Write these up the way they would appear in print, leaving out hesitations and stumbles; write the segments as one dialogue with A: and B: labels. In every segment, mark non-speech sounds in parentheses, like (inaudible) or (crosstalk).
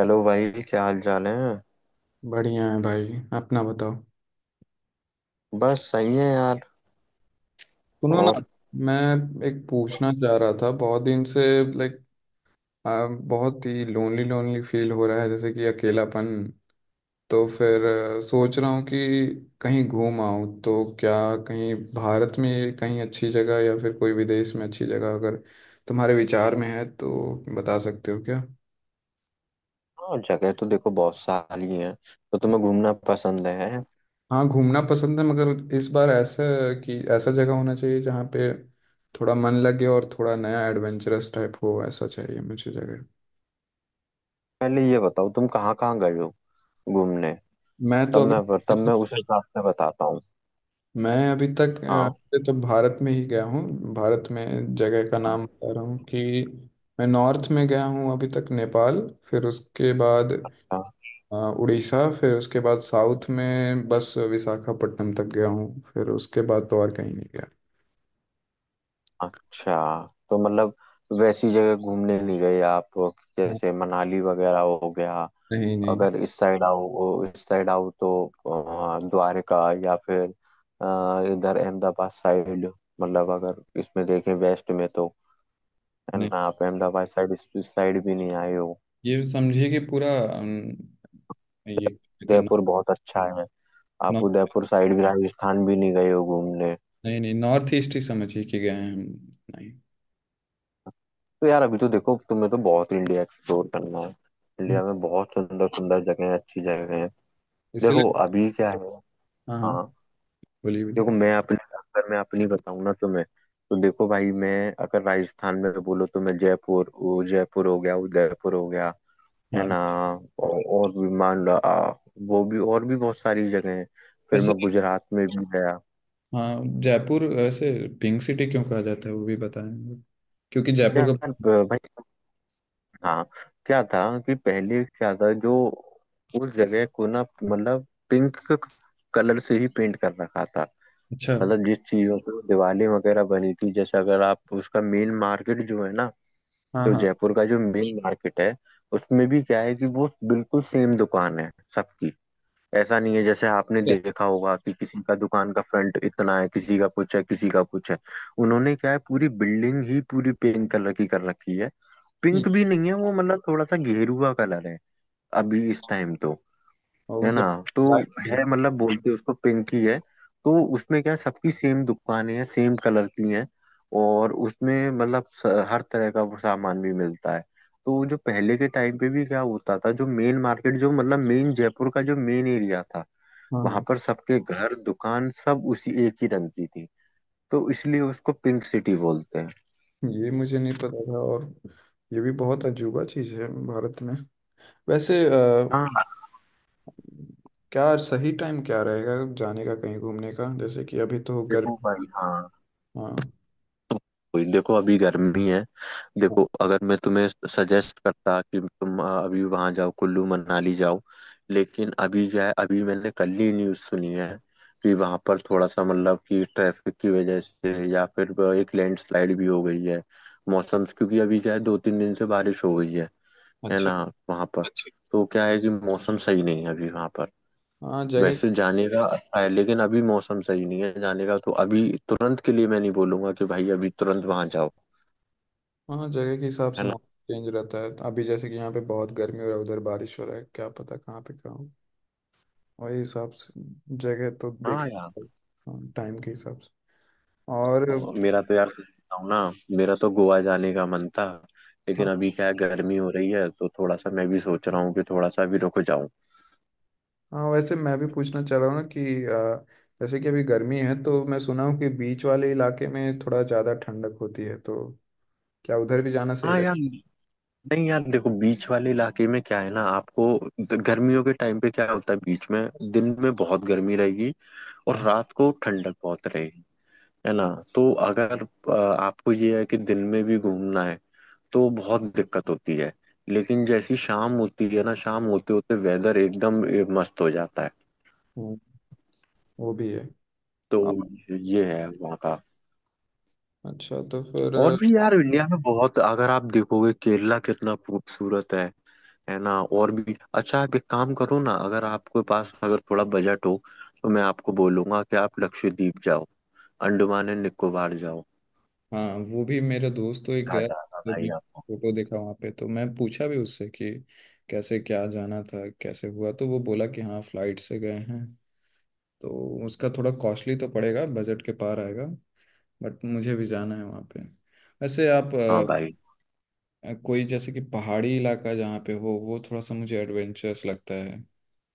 A: Hello भाई, क्या हाल चाल है?
B: बढ़िया है भाई। अपना बताओ।
A: बस सही है यार।
B: सुनो ना।
A: और?
B: मैं एक पूछना चाह रहा था बहुत दिन से। लाइक बहुत ही लोनली लोनली फील हो रहा है, जैसे कि अकेलापन। तो फिर सोच रहा हूँ कि कहीं घूम आऊँ तो क्या, कहीं भारत में कहीं अच्छी जगह या फिर कोई विदेश में अच्छी जगह अगर तुम्हारे विचार में है तो बता सकते हो क्या।
A: हाँ, जगह तो देखो बहुत सारी है। तो तुम्हें घूमना पसंद है?
B: हाँ घूमना पसंद है, मगर इस बार ऐसा है कि ऐसा जगह होना चाहिए जहाँ पे थोड़ा मन लगे और थोड़ा नया एडवेंचरस टाइप हो, ऐसा चाहिए मुझे जगह।
A: पहले ये बताओ तुम कहाँ कहाँ गए हो घूमने।
B: मैं
A: तब
B: तो अभी
A: मैं तब मैं उस हिसाब से बताता हूँ।
B: (laughs) मैं अभी तक
A: हाँ।
B: वैसे तो भारत में ही गया हूँ। भारत में जगह का
A: हाँ।
B: नाम बता रहा हूँ कि मैं नॉर्थ में गया हूँ अभी तक, नेपाल, फिर उसके बाद
A: हाँ।
B: उड़ीसा, फिर उसके बाद साउथ में बस विशाखापट्टनम तक गया हूँ। फिर उसके बाद तो और कहीं नहीं गया।
A: अच्छा। तो मतलब वैसी जगह घूमने नहीं गए आप,
B: हाँ,
A: जैसे मनाली वगैरह हो गया।
B: नहीं नहीं।
A: अगर इस साइड आओ इस साइड आओ तो द्वारका, या फिर इधर अहमदाबाद साइड। मतलब अगर इसमें देखें वेस्ट में तो, है
B: नहीं,
A: ना, आप अहमदाबाद साइड, इस साइड भी नहीं आए हो।
B: ये समझिए कि पूरा अम, ये कहते हैं, नॉ-
A: उदयपुर बहुत अच्छा है। आप
B: नॉ-
A: उदयपुर साइड भी, राजस्थान भी नहीं गए हो घूमने।
B: नहीं नहीं नॉर्थ ईस्ट ही समझिए कि गए हैं हम। नहीं।
A: तो यार अभी तो देखो, तुम्हें तो बहुत इंडिया एक्सप्लोर करना है।
B: हम्म।
A: इंडिया में बहुत सुंदर सुंदर जगह है, अच्छी जगह है।
B: इसलिए।
A: देखो अभी क्या है।
B: हाँ हाँ,
A: हाँ।
B: बोलिए बोलिए।
A: देखो मैं अपने अगर मैं अपनी बताऊँ ना तुम्हें, तो देखो भाई मैं, अगर राजस्थान में बोलो तो मैं, जयपुर हो गया, उदयपुर हो गया, है
B: हाँ
A: ना? और भी मान लो वो भी और भी बहुत सारी जगह हैं। फिर
B: वैसे,
A: मैं गुजरात में भी गया।
B: हाँ जयपुर वैसे पिंक सिटी क्यों कहा जाता है वो भी बताएं, क्योंकि जयपुर
A: यार
B: का।
A: भाई। हाँ, क्या था, कि पहले क्या था जो, उस जगह को ना मतलब पिंक कलर से ही पेंट कर रखा था।
B: अच्छा।
A: मतलब जिस चीजों से वो दिवाली वगैरह बनी थी, जैसे अगर आप उसका मेन मार्केट जो है ना,
B: हाँ
A: जो
B: हाँ।
A: जयपुर का जो मेन मार्केट है, उसमें भी क्या है कि वो बिल्कुल सेम दुकान है सबकी। ऐसा नहीं है जैसे आपने
B: yes।
A: देखा होगा कि किसी का दुकान का फ्रंट इतना है, किसी का कुछ है, किसी का कुछ है। उन्होंने क्या है, पूरी बिल्डिंग ही पूरी पिंक कलर की कर रखी है।
B: हम्म।
A: पिंक भी नहीं है वो, मतलब थोड़ा सा गेरुआ कलर है अभी इस टाइम तो,
B: और
A: है
B: मतलब
A: ना? तो
B: लाइट पिंक।
A: है, मतलब बोलते उसको पिंक ही है। तो उसमें क्या है, सबकी सेम दुकानें हैं, सेम कलर की हैं। और उसमें मतलब हर तरह का वो सामान भी मिलता है। तो जो पहले के टाइम पे भी क्या होता था, जो मेन मार्केट जो मतलब मेन, जयपुर का जो मेन एरिया था,
B: हाँ
A: वहां
B: हाँ।
A: पर सबके घर, दुकान, सब उसी एक ही रंग की थी। तो इसलिए उसको पिंक सिटी बोलते हैं।
B: ये मुझे नहीं पता था। और ये भी बहुत अजूबा चीज़ है भारत में। वैसे
A: हाँ।
B: क्या सही टाइम क्या रहेगा जाने का, कहीं घूमने का, जैसे कि अभी तो
A: देखो
B: गर्मी।
A: भाई। हाँ।
B: हाँ।
A: वही, देखो अभी गर्मी है। देखो अगर मैं तुम्हें सजेस्ट करता कि तुम अभी वहां जाओ, कुल्लू मनाली जाओ, लेकिन अभी क्या है, अभी मैंने कल ही न्यूज़ सुनी है कि वहां पर थोड़ा सा मतलब कि ट्रैफिक की वजह से या फिर एक लैंडस्लाइड भी हो गई है। मौसम, क्योंकि अभी क्या है, 2-3 दिन से बारिश हो गई है
B: अच्छा।
A: ना, वहाँ पर। अच्छा तो क्या है कि मौसम सही नहीं है अभी वहाँ पर,
B: हाँ जगह।
A: वैसे जाने का अच्छा है, लेकिन अभी मौसम सही नहीं है जाने का, तो अभी तुरंत के लिए मैं नहीं बोलूंगा कि भाई अभी तुरंत वहां जाओ,
B: हाँ जगह के हिसाब
A: है
B: से
A: ना?
B: मौसम चेंज रहता है, अभी जैसे कि यहाँ पे बहुत गर्मी हो रहा है, उधर बारिश हो रहा है, क्या पता कहाँ पे क्या हो। वही हिसाब से जगह तो देख,
A: हाँ यार।
B: हाँ, टाइम के हिसाब से। और।
A: तो मेरा तो यार सच बताऊं ना, मेरा तो गोवा जाने का मन था, लेकिन
B: हाँ
A: अभी क्या है, गर्मी हो रही है, तो थोड़ा सा मैं भी सोच रहा हूँ कि थोड़ा सा अभी रुक जाऊं।
B: हाँ। वैसे मैं भी पूछना चाह रहा हूँ ना कि जैसे कि अभी गर्मी है तो मैं सुना हूँ कि बीच वाले इलाके में थोड़ा ज़्यादा ठंडक होती है, तो क्या उधर भी जाना सही
A: हाँ यार।
B: रहेगा।
A: नहीं यार, देखो बीच वाले इलाके में क्या है ना आपको, गर्मियों के टाइम पे क्या होता है बीच में, दिन में बहुत गर्मी रहेगी और
B: हाँ।
A: रात को ठंडक बहुत रहेगी, है ना? तो अगर आपको ये है कि दिन में भी घूमना है, तो बहुत दिक्कत होती है। लेकिन जैसी शाम होती है ना, शाम होते होते वेदर एकदम मस्त हो जाता है।
B: हम्म, वो भी है।
A: तो
B: अ,
A: ये है वहाँ का।
B: अच्छा तो फिर।
A: और भी यार इंडिया में बहुत, अगर आप देखोगे केरला कितना खूबसूरत है ना? और भी अच्छा, आप एक काम करो ना, अगर आपके पास अगर थोड़ा बजट हो, तो मैं आपको बोलूंगा कि आप लक्षद्वीप जाओ, अंडमान एंड निकोबार जाओ।
B: हाँ वो भी, मेरा दोस्त तो एक
A: क्या
B: गया
A: जाएगा
B: तो
A: भाई
B: मैं
A: आपको।
B: फोटो देखा वहाँ पे, तो मैं पूछा भी उससे कि कैसे क्या जाना था कैसे हुआ, तो वो बोला कि हाँ फ्लाइट से गए हैं। तो उसका थोड़ा कॉस्टली तो पड़ेगा, बजट के पार आएगा, बट मुझे भी जाना है वहाँ पे। वैसे आप
A: हाँ भाई।
B: कोई जैसे कि पहाड़ी इलाका जहाँ पे हो वो थोड़ा सा मुझे एडवेंचरस लगता है,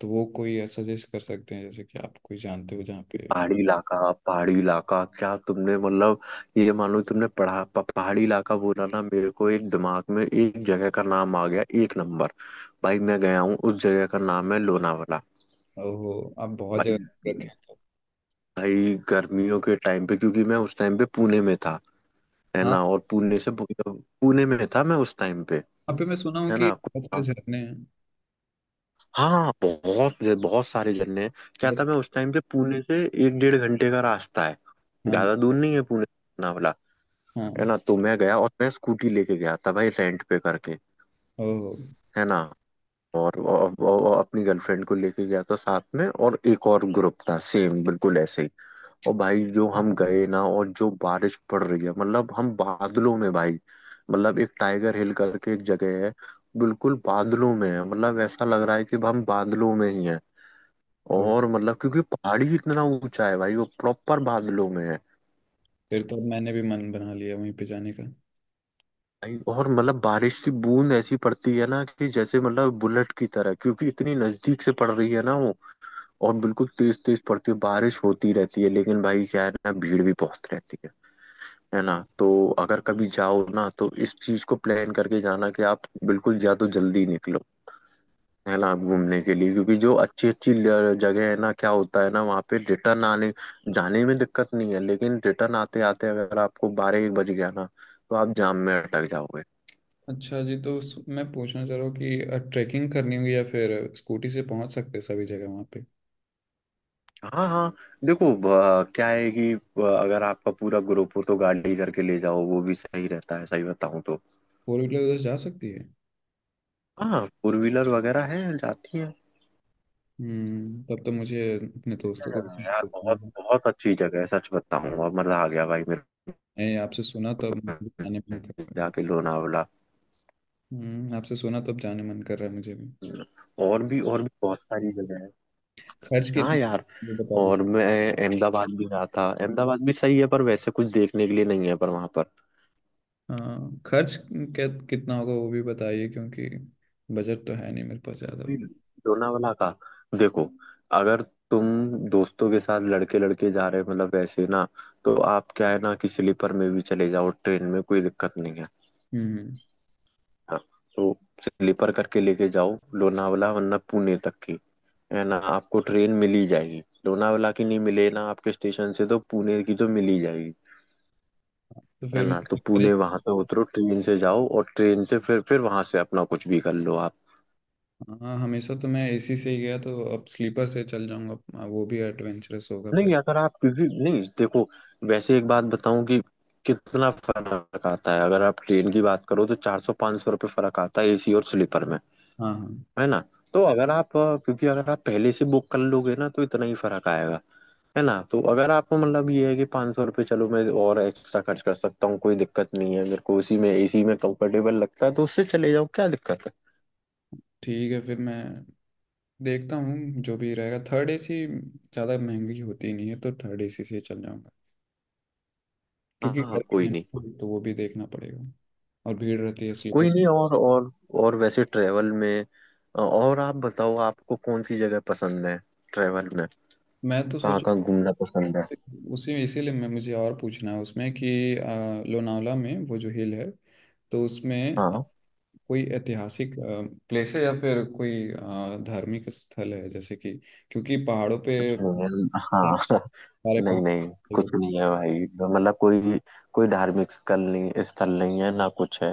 B: तो वो कोई सजेस्ट कर सकते हैं, जैसे कि आप कोई जानते हो जहाँ पे
A: पहाड़ी इलाका, पहाड़ी इलाका क्या तुमने मतलब, ये मानो तुमने पढ़ा पहाड़ी इलाका बोला ना, मेरे को एक दिमाग में एक जगह का नाम आ गया, एक नंबर। भाई मैं गया हूँ, उस जगह का नाम है लोनावाला,
B: हो, आप बहुत
A: भाई।
B: जगह रखे हैं।
A: भाई गर्मियों के टाइम पे, क्योंकि मैं उस टाइम पे पुणे में था, है
B: हाँ
A: ना? और पुणे में था मैं उस टाइम पे,
B: वहाँ पे मैं सुना हूँ
A: है
B: कि
A: ना?
B: बहुत सारे झरने
A: हाँ, बहुत बहुत सारे झरने हैं। क्या
B: हैं।
A: था, मैं उस टाइम पे, पुणे से 1-1.5 घंटे का रास्ता है,
B: हाँ
A: ज्यादा दूर नहीं है पुणे से लोनावला,
B: हाँ।
A: है ना? तो मैं गया और मैं स्कूटी लेके गया था भाई, रेंट पे करके,
B: ओह।
A: है ना? और अपनी गर्लफ्रेंड को लेके गया था साथ में, और एक और ग्रुप था सेम बिल्कुल ऐसे ही। और भाई जो हम गए ना, और जो बारिश पड़ रही है, मतलब हम बादलों में भाई, मतलब एक टाइगर हिल करके एक जगह है, बिल्कुल बादलों में है, मतलब ऐसा लग रहा है कि हम बादलों में ही हैं।
B: ओह,
A: और मतलब क्योंकि पहाड़ी इतना ऊंचा है भाई, वो प्रॉपर बादलों में है।
B: फिर तो अब मैंने भी मन बना लिया वहीं पे जाने का।
A: भाई और मतलब बारिश की बूंद ऐसी पड़ती है ना कि जैसे मतलब बुलेट की तरह, क्योंकि इतनी नजदीक से पड़ रही है ना वो। और बिल्कुल तेज तेज पड़ती है, बारिश होती रहती है, लेकिन भाई क्या है ना, भीड़ भी बहुत रहती है ना? तो अगर कभी जाओ ना, तो इस चीज को प्लान करके जाना कि आप बिल्कुल या तो जल्दी निकलो, है ना, घूमने के लिए, क्योंकि जो अच्छी अच्छी जगह है ना, क्या होता है ना, वहाँ पे रिटर्न आने जाने में दिक्कत नहीं है, लेकिन रिटर्न आते आते अगर आपको 12-1 बज गया ना, तो आप जाम में अटक जाओगे।
B: अच्छा जी, तो स- मैं पूछना चाह रहा हूँ कि ट्रैकिंग करनी होगी या फिर स्कूटी से पहुंच सकते हैं सभी जगह वहाँ पे।
A: हाँ हाँ। देखो क्या है कि अगर आपका पूरा ग्रुप हो तो गाड़ी करके ले जाओ, वो भी सही रहता है, सही बताऊँ तो।
B: फोर व्हीलर उधर जा सकती है।
A: हाँ, फोर व्हीलर वगैरह है, जाती है।
B: हम्म, तब तो मुझे अपने
A: क्या
B: दोस्तों को भी
A: जगह है
B: साथ
A: यार,
B: लेना
A: बहुत
B: होगा।
A: बहुत अच्छी जगह है, सच बताऊँ अब मजा आ गया भाई मेरे
B: नहीं, आपसे सुना तब मुझे भी जाने मन कर
A: को
B: रहा
A: जाके लोनावला।
B: है। हम्म, आपसे सुना तब जाने मन कर रहा है मुझे भी।
A: और भी बहुत सारी जगह है।
B: खर्च
A: हाँ
B: कितना
A: यार।
B: वो बता दीजिए।
A: और मैं अहमदाबाद भी रहा था, अहमदाबाद भी सही है, पर वैसे कुछ देखने के लिए नहीं है, पर वहां पर,
B: हाँ खर्च कितना होगा वो भी बताइए, क्योंकि बजट तो है नहीं मेरे पास ज़्यादा।
A: लोनावला का, देखो, अगर तुम दोस्तों के साथ लड़के लड़के जा रहे हो, मतलब वैसे ना, तो आप, क्या है ना, कि स्लीपर में भी चले जाओ, ट्रेन में कोई दिक्कत नहीं है,
B: हम्म,
A: हाँ। तो स्लीपर करके लेके जाओ लोनावला, वरना पुणे तक की, है ना, आपको ट्रेन मिल ही जाएगी, लोनावला की नहीं मिले ना आपके स्टेशन से, तो पुणे की तो मिल ही जाएगी,
B: तो
A: है
B: फिर
A: ना? तो
B: मैं।
A: पुणे वहां पे उतरो ट्रेन से, जाओ, और ट्रेन से फिर वहां से अपना कुछ भी कर लो आप।
B: हाँ हमेशा तो मैं एसी से ही गया, तो अब स्लीपर से चल जाऊंगा, हाँ, वो भी एडवेंचरस होगा पहले।
A: नहीं अगर आप, क्योंकि नहीं, देखो वैसे एक बात बताऊं कि कितना फर्क आता है, अगर आप ट्रेन की बात करो तो 400-500 रुपये फर्क आता है एसी और स्लीपर में,
B: हाँ हाँ।
A: है ना? तो अगर आप क्योंकि अगर आप पहले से बुक कर लोगे ना, तो इतना ही फर्क आएगा, है ना? तो अगर आपको मतलब ये है कि 500 रुपये चलो मैं और एक्स्ट्रा खर्च कर सकता हूँ, कोई दिक्कत नहीं है मेरे को, उसी में, एसी में कंफर्टेबल लगता है तो उससे चले जाओ, क्या दिक्कत है।
B: ठीक है, फिर मैं देखता हूँ जो भी रहेगा, थर्ड एसी ज़्यादा महंगी होती नहीं है तो थर्ड एसी से ही चल जाऊंगा,
A: हाँ
B: क्योंकि
A: हाँ,
B: गर्मी
A: कोई
B: है
A: नहीं।
B: ना, तो वो भी देखना पड़ेगा। और भीड़ रहती है
A: कोई
B: स्लीपर।
A: नहीं। और और वैसे ट्रेवल में, और आप बताओ आपको कौन सी जगह पसंद है, ट्रेवल में
B: मैं तो
A: कहाँ
B: सोच,
A: कहाँ घूमना पसंद है।
B: उसी इसीलिए मैं मुझे और पूछना है उसमें कि लोनावला में वो जो हिल है तो उसमें
A: हाँ
B: कोई ऐतिहासिक प्लेस है या फिर कोई धार्मिक स्थल है, जैसे कि क्योंकि पहाड़ों पे
A: कुछ नहीं है हाँ
B: सारे
A: (laughs) नहीं
B: पहाड़।
A: नहीं। कुछ नहीं है भाई, मतलब कोई कोई धार्मिक स्थल नहीं है ना कुछ है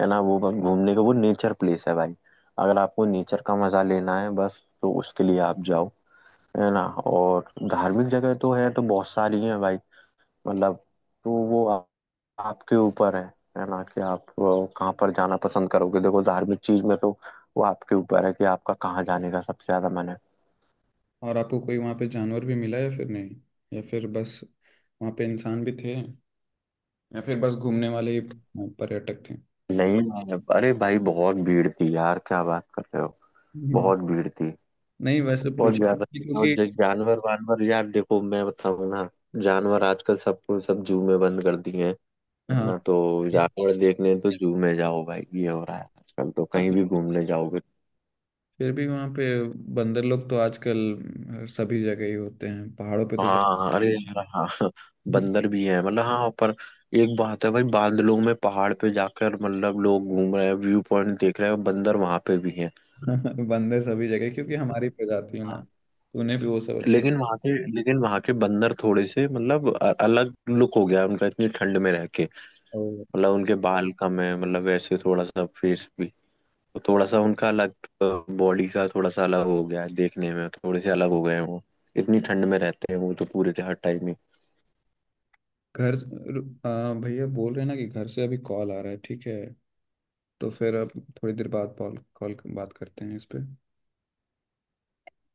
A: है ना? वो बस घूमने का, वो नेचर प्लेस है भाई। अगर आपको नेचर का मजा लेना है, बस तो उसके लिए आप जाओ, है ना? और धार्मिक जगह तो है, तो बहुत सारी है भाई, मतलब, तो वो आपके ऊपर है ना, कि आप वो कहाँ पर जाना पसंद करोगे, देखो, धार्मिक चीज में तो, वो आपके ऊपर है कि आपका कहाँ जाने का सबसे ज्यादा मन है।
B: और आपको कोई वहाँ पे जानवर भी मिला या फिर नहीं, या फिर बस वहाँ पे इंसान भी थे, या फिर बस घूमने वाले ही पर्यटक थे।
A: नहीं मैंने, अरे भाई बहुत भीड़ थी यार, क्या बात कर रहे हो,
B: हम्म,
A: बहुत भीड़ थी,
B: नहीं वैसे
A: बहुत
B: पूछा
A: ज्यादा। और
B: क्योंकि।
A: जो जानवर वानवर यार, देखो मैं बताऊँ ना, जानवर आजकल सबको, सब जू में बंद कर दिए हैं, है
B: हाँ,
A: ना? तो जानवर देखने तो जू में जाओ भाई, ये हो रहा है आजकल, तो कहीं भी घूमने जाओगे।
B: फिर भी वहाँ पे बंदर लोग तो आजकल सभी जगह ही होते हैं, पहाड़ों पे तो जा
A: हाँ अरे यार हाँ। बंदर भी है मतलब, हाँ, पर एक बात है भाई, बादलों में पहाड़ पे जाकर मतलब लोग घूम रहे हैं व्यू पॉइंट देख रहे हैं, बंदर वहां पे भी है।
B: (laughs) बंदर सभी जगह, क्योंकि हमारी प्रजाति है ना,
A: हाँ।
B: तो उन्हें भी वो सब अच्छा।
A: लेकिन वहां के बंदर थोड़े से मतलब अलग लुक हो गया है उनका, इतनी ठंड में रह के,
B: ओ,
A: मतलब उनके बाल कम है, मतलब वैसे थोड़ा सा फेस भी, तो थोड़ा सा उनका अलग, बॉडी का थोड़ा सा अलग हो गया है, देखने में थोड़े से अलग हो गए हैं वो, इतनी ठंड में रहते हैं वो तो पूरे हर टाइम।
B: घर, आ, भैया बोल रहे हैं ना कि घर से अभी कॉल आ रहा है, ठीक है तो फिर अब थोड़ी देर बाद कॉल कॉल बात करते हैं इस पे।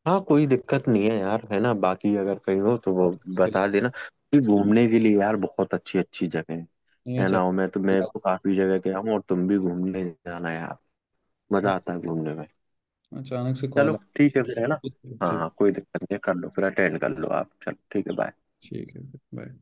A: हाँ कोई दिक्कत नहीं है यार, है ना? बाकी अगर कहीं हो तो
B: और
A: वो
B: इसके लिए,
A: बता देना, कि घूमने के लिए यार बहुत अच्छी अच्छी जगह है
B: नहीं
A: है
B: अचानक,
A: ना? और मैं तो काफी जगह गया हूँ, और तुम भी घूमने जाना यार,
B: हाँ,
A: मजा आता है घूमने में।
B: अचानक से
A: चलो
B: कॉल आ।
A: ठीक है फिर, है ना? हाँ
B: ठीक।
A: हाँ कोई दिक्कत नहीं है, कर लो फिर, अटेंड कर लो आप, चलो ठीक है bye।
B: ठीक है। बाय।